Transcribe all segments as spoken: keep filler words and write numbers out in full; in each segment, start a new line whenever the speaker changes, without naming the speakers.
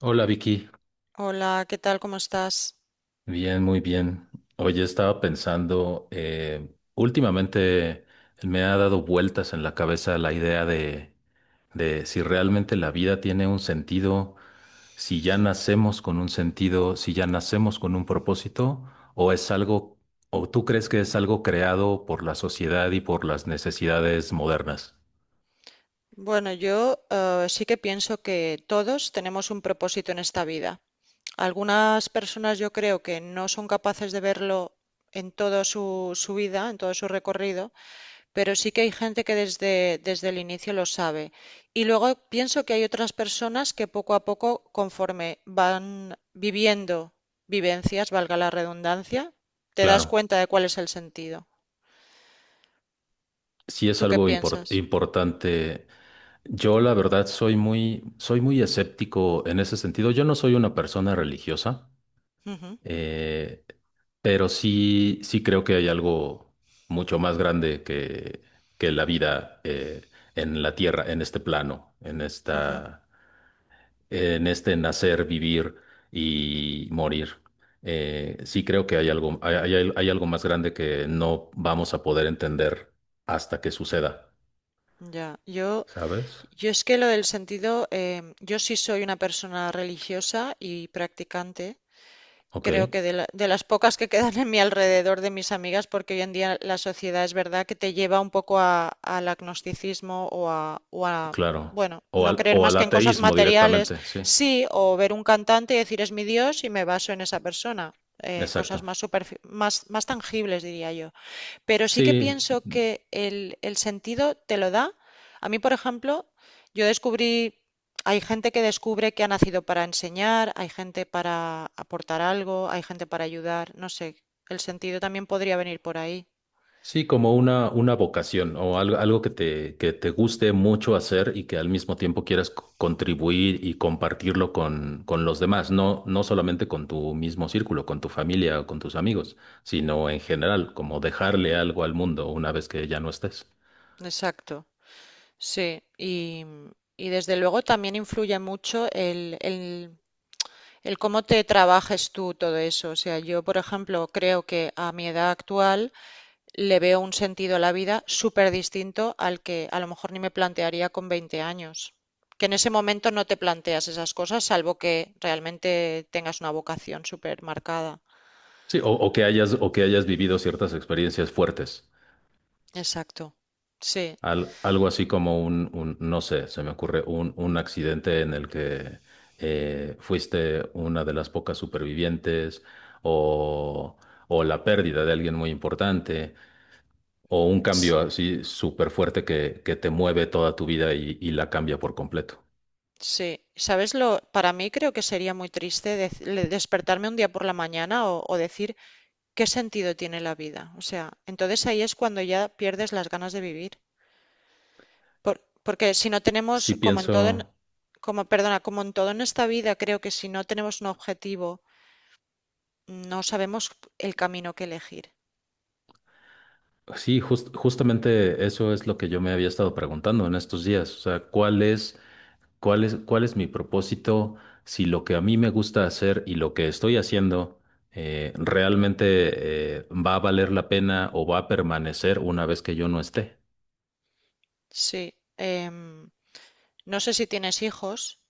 Hola, Vicky.
Hola, ¿qué tal? ¿Cómo estás?
Bien, muy bien. Oye, estaba pensando, eh, últimamente me ha dado vueltas en la cabeza la idea de, de si realmente la vida tiene un sentido, si ya nacemos con un sentido, si ya nacemos con un propósito, o es algo, o tú crees que es algo creado por la sociedad y por las necesidades modernas.
Bueno, yo eh, sí que pienso que todos tenemos un propósito en esta vida. Algunas personas yo creo que no son capaces de verlo en toda su, su vida, en todo su recorrido, pero sí que hay gente que desde, desde el inicio lo sabe. Y luego pienso que hay otras personas que poco a poco, conforme van viviendo vivencias, valga la redundancia, te das
Claro,
cuenta de cuál es el sentido.
sí es
¿Tú qué
algo import-
piensas?
importante. Yo la verdad soy muy, soy muy escéptico en ese sentido. Yo no soy una persona religiosa,
Ujú,
eh, pero sí, sí creo que hay algo mucho más grande que, que la vida eh, en la tierra, en este plano, en
ujú.
esta, en este nacer, vivir y morir. Eh, sí creo que hay algo, hay, hay- hay algo más grande que no vamos a poder entender hasta que suceda,
Ya, yo,
¿sabes?
yo es que lo del sentido, em, yo sí soy una persona religiosa y practicante.
Ok.
Creo que de, la- de las pocas que quedan en mi alrededor de mis amigas, porque hoy en día la sociedad es verdad que te lleva un poco a- al agnosticismo o a, o a,
Claro.
bueno,
O
no
al,
creer
o al
más que en cosas
ateísmo
materiales,
directamente, sí.
sí, o ver un cantante y decir es mi Dios y me baso en esa persona, eh, en cosas
Exacto.
más, superfi- más, más tangibles, diría yo. Pero sí que
Sí,
pienso que el, el sentido te lo da. A mí, por ejemplo, yo descubrí, hay gente que descubre que ha nacido para enseñar, hay gente para aportar algo, hay gente para ayudar, no sé, el sentido también podría venir por ahí.
sí, como una, una vocación o algo, algo que te, que te guste mucho hacer y que al mismo tiempo quieras c- contribuir y compartirlo con, con los demás, no, no solamente con tu mismo círculo, con tu familia o con tus amigos, sino en general, como dejarle algo al mundo una vez que ya no estés.
Exacto, sí. Y, y desde luego también influye mucho el, el, el cómo te trabajes tú todo eso. O sea, yo, por ejemplo, creo que a mi edad actual le veo un sentido a la vida súper distinto al que a lo mejor ni me plantearía con veinte años. Que en ese momento no te planteas esas cosas, salvo que realmente tengas una vocación súper marcada.
Sí, o, o que hayas, o que hayas vivido ciertas experiencias fuertes.
Exacto. Sí.
Al- algo así como un, un- no sé, se me ocurre un, un accidente en el que eh, fuiste una de las pocas supervivientes o, o la pérdida de alguien muy importante o un
S-
cambio así súper fuerte que, que te mueve toda tu vida y, y la cambia por completo.
Sí. ¿Sabes lo? Para mí creo que sería muy triste dec- le- despertarme un día por la mañana o, o decir qué sentido tiene la vida. O sea, entonces ahí es cuando ya pierdes las ganas de vivir. Por- porque si no tenemos,
Sí
como en todo, en,
pienso,
como, perdona, como en todo en esta vida, creo que si no tenemos un objetivo, no sabemos el camino que elegir.
sí, jus- justamente eso es lo que yo me había estado preguntando en estos días, o sea, ¿cuál es... ¿Cuál es, cuál es mi propósito? Si lo que a mí me gusta hacer y lo que estoy haciendo eh, realmente eh, va a valer la pena o va a permanecer una vez que yo no esté.
Sí. Em, no sé si tienes hijos,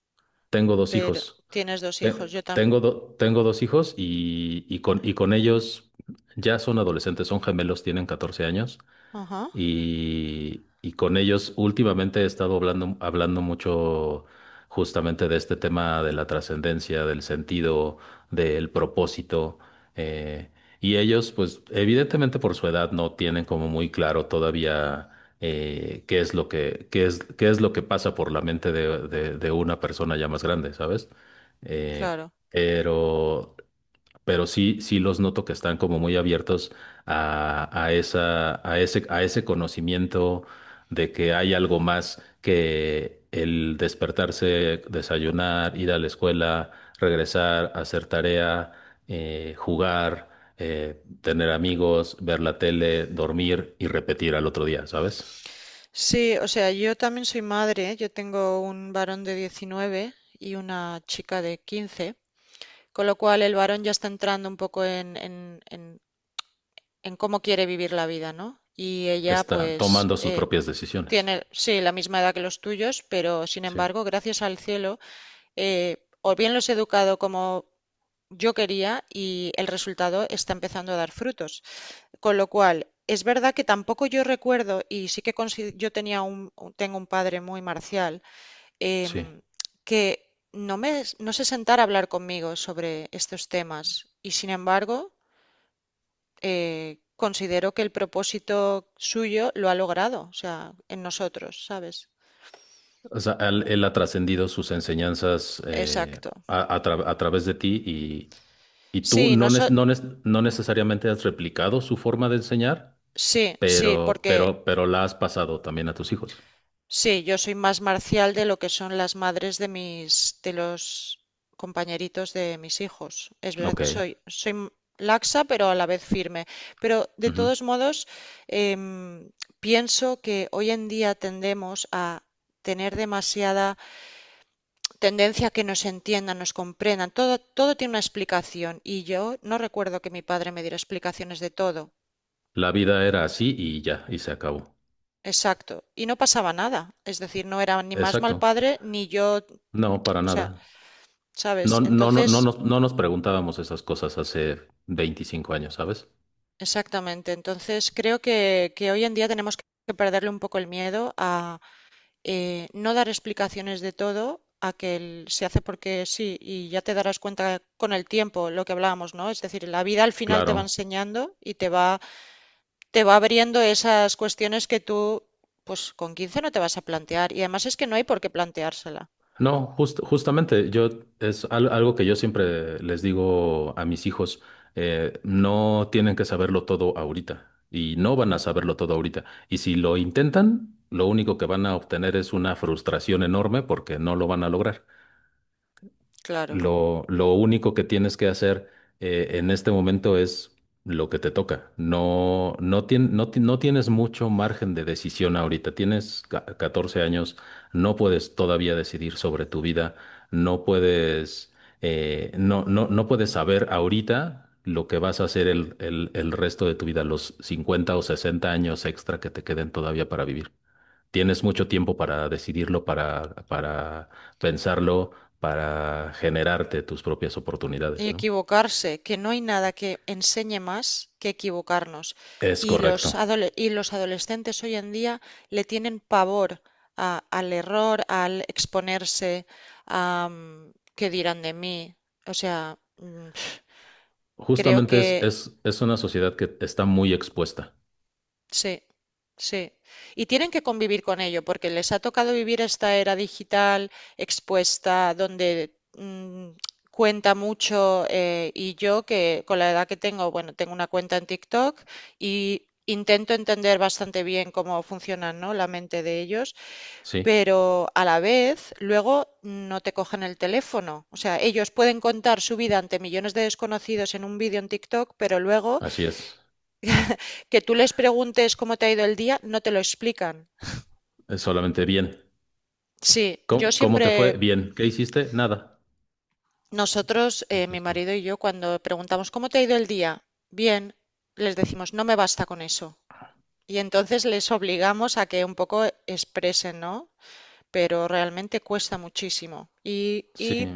Tengo dos
pero
hijos.
tienes dos
Te-
hijos. Yo también.
tengo, do- tengo dos hijos y, y con, y con ellos ya son adolescentes, son gemelos, tienen catorce años.
Ajá,
Y, y con ellos últimamente he estado hablando, hablando mucho justamente de este tema de la trascendencia, del sentido, del propósito. eh, y ellos, pues evidentemente por su edad no tienen como muy claro todavía eh, qué es lo que, qué es, qué es lo que pasa por la mente de, de- de una persona ya más grande, ¿sabes? Eh,
claro.
pero pero sí, sí los noto que están como muy abiertos a, a esa, a ese, a ese conocimiento de que hay algo más que el despertarse, desayunar, ir a la escuela, regresar, hacer tarea, eh, jugar, eh, tener amigos, ver la tele, dormir y repetir al otro día, ¿sabes?
Sí, o sea, yo también soy madre. Yo tengo un varón de diecinueve y una chica de quince, con lo cual el varón ya está entrando un poco en, en, en, en cómo quiere vivir la vida, ¿no? Y ella,
Está
pues,
tomando sus
eh,
propias decisiones.
Tiene, sí, la misma edad que los tuyos, pero sin
Sí,
embargo, gracias al cielo, eh, o bien los he educado como yo quería y el resultado está empezando a dar frutos. Con lo cual, es verdad que tampoco yo recuerdo, y sí que consi- yo tenía un, un- tengo un padre muy marcial,
sí.
em, que no me, no se sentara a hablar conmigo sobre estos temas. Y sin embargo, eh, considero que el propósito suyo lo ha logrado, o sea, en nosotros, ¿sabes?
O sea, él, él ha trascendido sus enseñanzas eh,
Exacto.
a, a tra- a través de ti y, y
Sí,
tú no,
no
nes-
so,
no, nes- no necesariamente has replicado su forma de enseñar,
sí, sí,
pero,
porque
pero, pero la has pasado también a tus hijos.
sí, yo soy más marcial de lo que son las madres de mis, de los compañeritos de mis hijos. Es verdad,
Ok.
soy, soy m- laxa, pero a la vez firme. Pero de
Ujú.
todos modos, em, pienso que hoy en día tendemos a tener demasiada tendencia a que nos entiendan, nos comprendan. Todo, todo tiene una explicación y yo no recuerdo que mi padre me diera explicaciones de todo.
La vida era así y ya, y se acabó.
Exacto. Y no pasaba nada. Es decir, no era ni más mal
Exacto.
padre, ni yo,
No, para
o sea,
nada. No,
¿sabes?
no, no, no
Entonces,
nos, no nos preguntábamos esas cosas hace veinticinco años, ¿sabes?
exactamente. Entonces, creo que, que hoy en día tenemos que perderle un poco el miedo a eh, no dar explicaciones de todo, a que el- se hace porque sí, y ya te darás cuenta con el tiempo lo que hablábamos, ¿no? Es decir, la vida al final te va
Claro.
enseñando y te va, te va abriendo esas cuestiones que tú, pues con quince no te vas a plantear. Y además es que no hay por qué planteársela.
No, jus- justamente, yo es al- algo que yo siempre les digo a mis hijos, eh, no tienen que saberlo todo ahorita y no van a saberlo todo ahorita. Y si lo intentan, lo único que van a obtener es una frustración enorme porque no lo van a lograr.
Claro.
Lo, lo único que tienes que hacer eh, en este momento es lo que te toca. No, no, tien- no, ti- no tienes mucho margen de decisión ahorita. Tienes ca- catorce años, no puedes todavía decidir sobre tu vida, no puedes, eh, no, no, no puedes saber ahorita lo que vas a hacer el, el, el resto de tu vida, los cincuenta o sesenta años extra que te queden todavía para vivir. Tienes mucho tiempo para decidirlo, para, para pensarlo, para generarte tus propias
Y
oportunidades, ¿no?
equivocarse, que no hay nada que enseñe más que equivocarnos.
Es
Y los,
correcto.
adole- y los adolescentes hoy en día le tienen pavor a- al error, al exponerse, a mm, qué dirán de mí. O sea, mm, creo
Justamente es,
que
es, es una sociedad que está muy expuesta.
sí, sí. Y tienen que convivir con ello, porque les ha tocado vivir esta era digital expuesta, donde mm, cuenta mucho. eh, y yo, que con la edad que tengo, bueno, tengo una cuenta en TikTok y intento entender bastante bien cómo funcionan, ¿no?, la mente de ellos,
Sí,
pero a la vez luego no te cogen el teléfono. O sea, ellos pueden contar su vida ante millones de desconocidos en un vídeo en TikTok, pero luego
así es.
que tú les preguntes cómo te ha ido el día, no te lo explican.
Es solamente bien.
Sí, yo
¿Cómo, cómo te
siempre,
fue? Bien. ¿Qué hiciste? Nada.
nosotros, eh,
Eso
mi
es todo.
marido y yo, cuando preguntamos cómo te ha ido el día, bien, les decimos, no me basta con eso. Y entonces les obligamos a que un poco expresen, ¿no? Pero realmente cuesta muchísimo. Y,
Sí,
y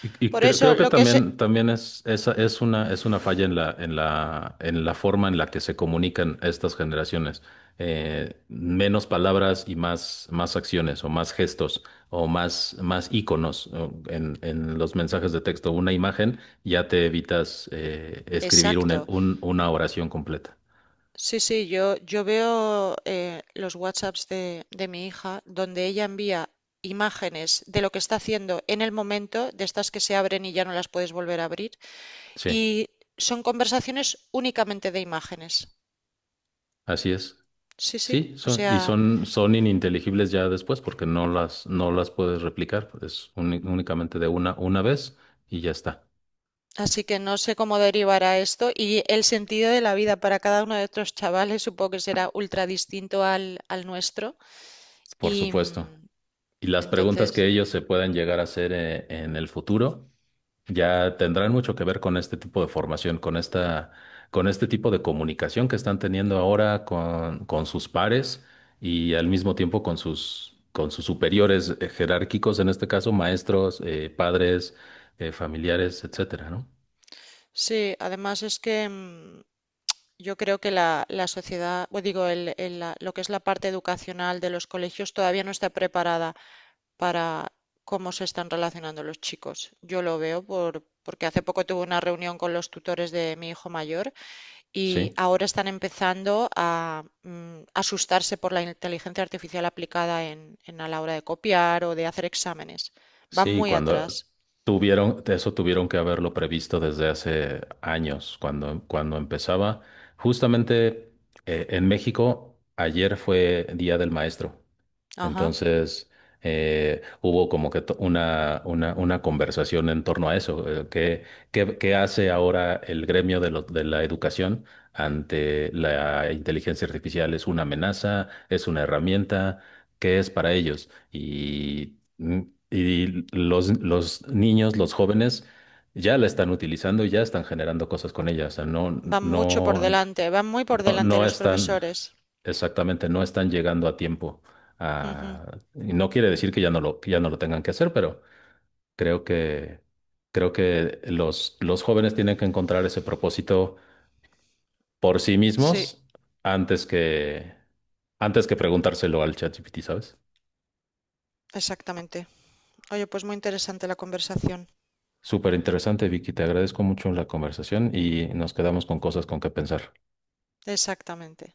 y, y
por
creo,
eso
creo que
lo que se.
también, también es, esa es una, es una falla en la, en la, en la forma en la que se comunican estas generaciones. Eh, menos palabras y más, más acciones o más gestos o más, más íconos o en, en los mensajes de texto. Una imagen ya te evitas eh, escribir una,
Exacto.
un- una oración completa.
Sí, sí, yo, yo veo eh, los WhatsApps de, de mi hija, donde ella envía imágenes de lo que está haciendo en el momento, de estas que se abren y ya no las puedes volver a abrir,
Sí,
y son conversaciones únicamente de imágenes.
así es.
Sí, sí,
Sí,
o
son, y
sea,
son, son ininteligibles ya después porque no las, no las puedes replicar, es uni- únicamente de una, una vez y ya está,
así que no sé cómo derivará esto y el sentido de la vida para cada uno de estos chavales supongo que será ultra distinto al, al nuestro
por
y
supuesto.
mm,
Y las
entonces,
preguntas que ellos se puedan llegar a hacer eh, en el futuro ya tendrán mucho que ver con este tipo de formación, con esta, con este tipo de comunicación que están teniendo ahora con, con sus pares y al mismo tiempo con sus, con sus superiores eh, jerárquicos, en este caso maestros, eh, padres, eh, familiares, etcétera, ¿no?
sí, además es que mm, yo creo que la, la sociedad, o digo, el- el- la- lo que es la parte educacional de los colegios todavía no está preparada para cómo se están relacionando los chicos. Yo lo veo por, porque hace poco tuve una reunión con los tutores de mi hijo mayor y
Sí,
ahora están empezando a mm, asustarse por la inteligencia artificial aplicada en, en a la hora de copiar o de hacer exámenes. Van
sí,
muy
cuando
atrás.
tuvieron, eso tuvieron que haberlo previsto desde hace años, cuando, cuando empezaba. Justamente eh, en México, ayer fue Día del Maestro.
Ajá.
Entonces, eh, hubo como que to- una, una, una conversación en torno a eso. eh, ¿Qué, qué, qué hace ahora el gremio de, lo- de la educación ante la inteligencia artificial? ¿Es una amenaza? ¿Es una herramienta? ¿Qué es para ellos? Y, mm, y los, los niños, los jóvenes, ya la están utilizando y ya están generando cosas con ella. O sea, no,
Van mucho por
no.
delante, van muy por
No,
delante de
no
los
están,
profesores.
exactamente, no están llegando a tiempo.
Ujú.
A- y no quiere decir que ya no lo, que ya no lo tengan que hacer, pero creo que, creo que los, los jóvenes tienen que encontrar ese propósito por sí
Sí,
mismos antes que, antes que preguntárselo al ChatGPT, ¿sabes?
exactamente. Oye, pues muy interesante la conversación.
Súper interesante, Vicky. Te agradezco mucho la conversación y nos quedamos con cosas con que pensar.
Exactamente.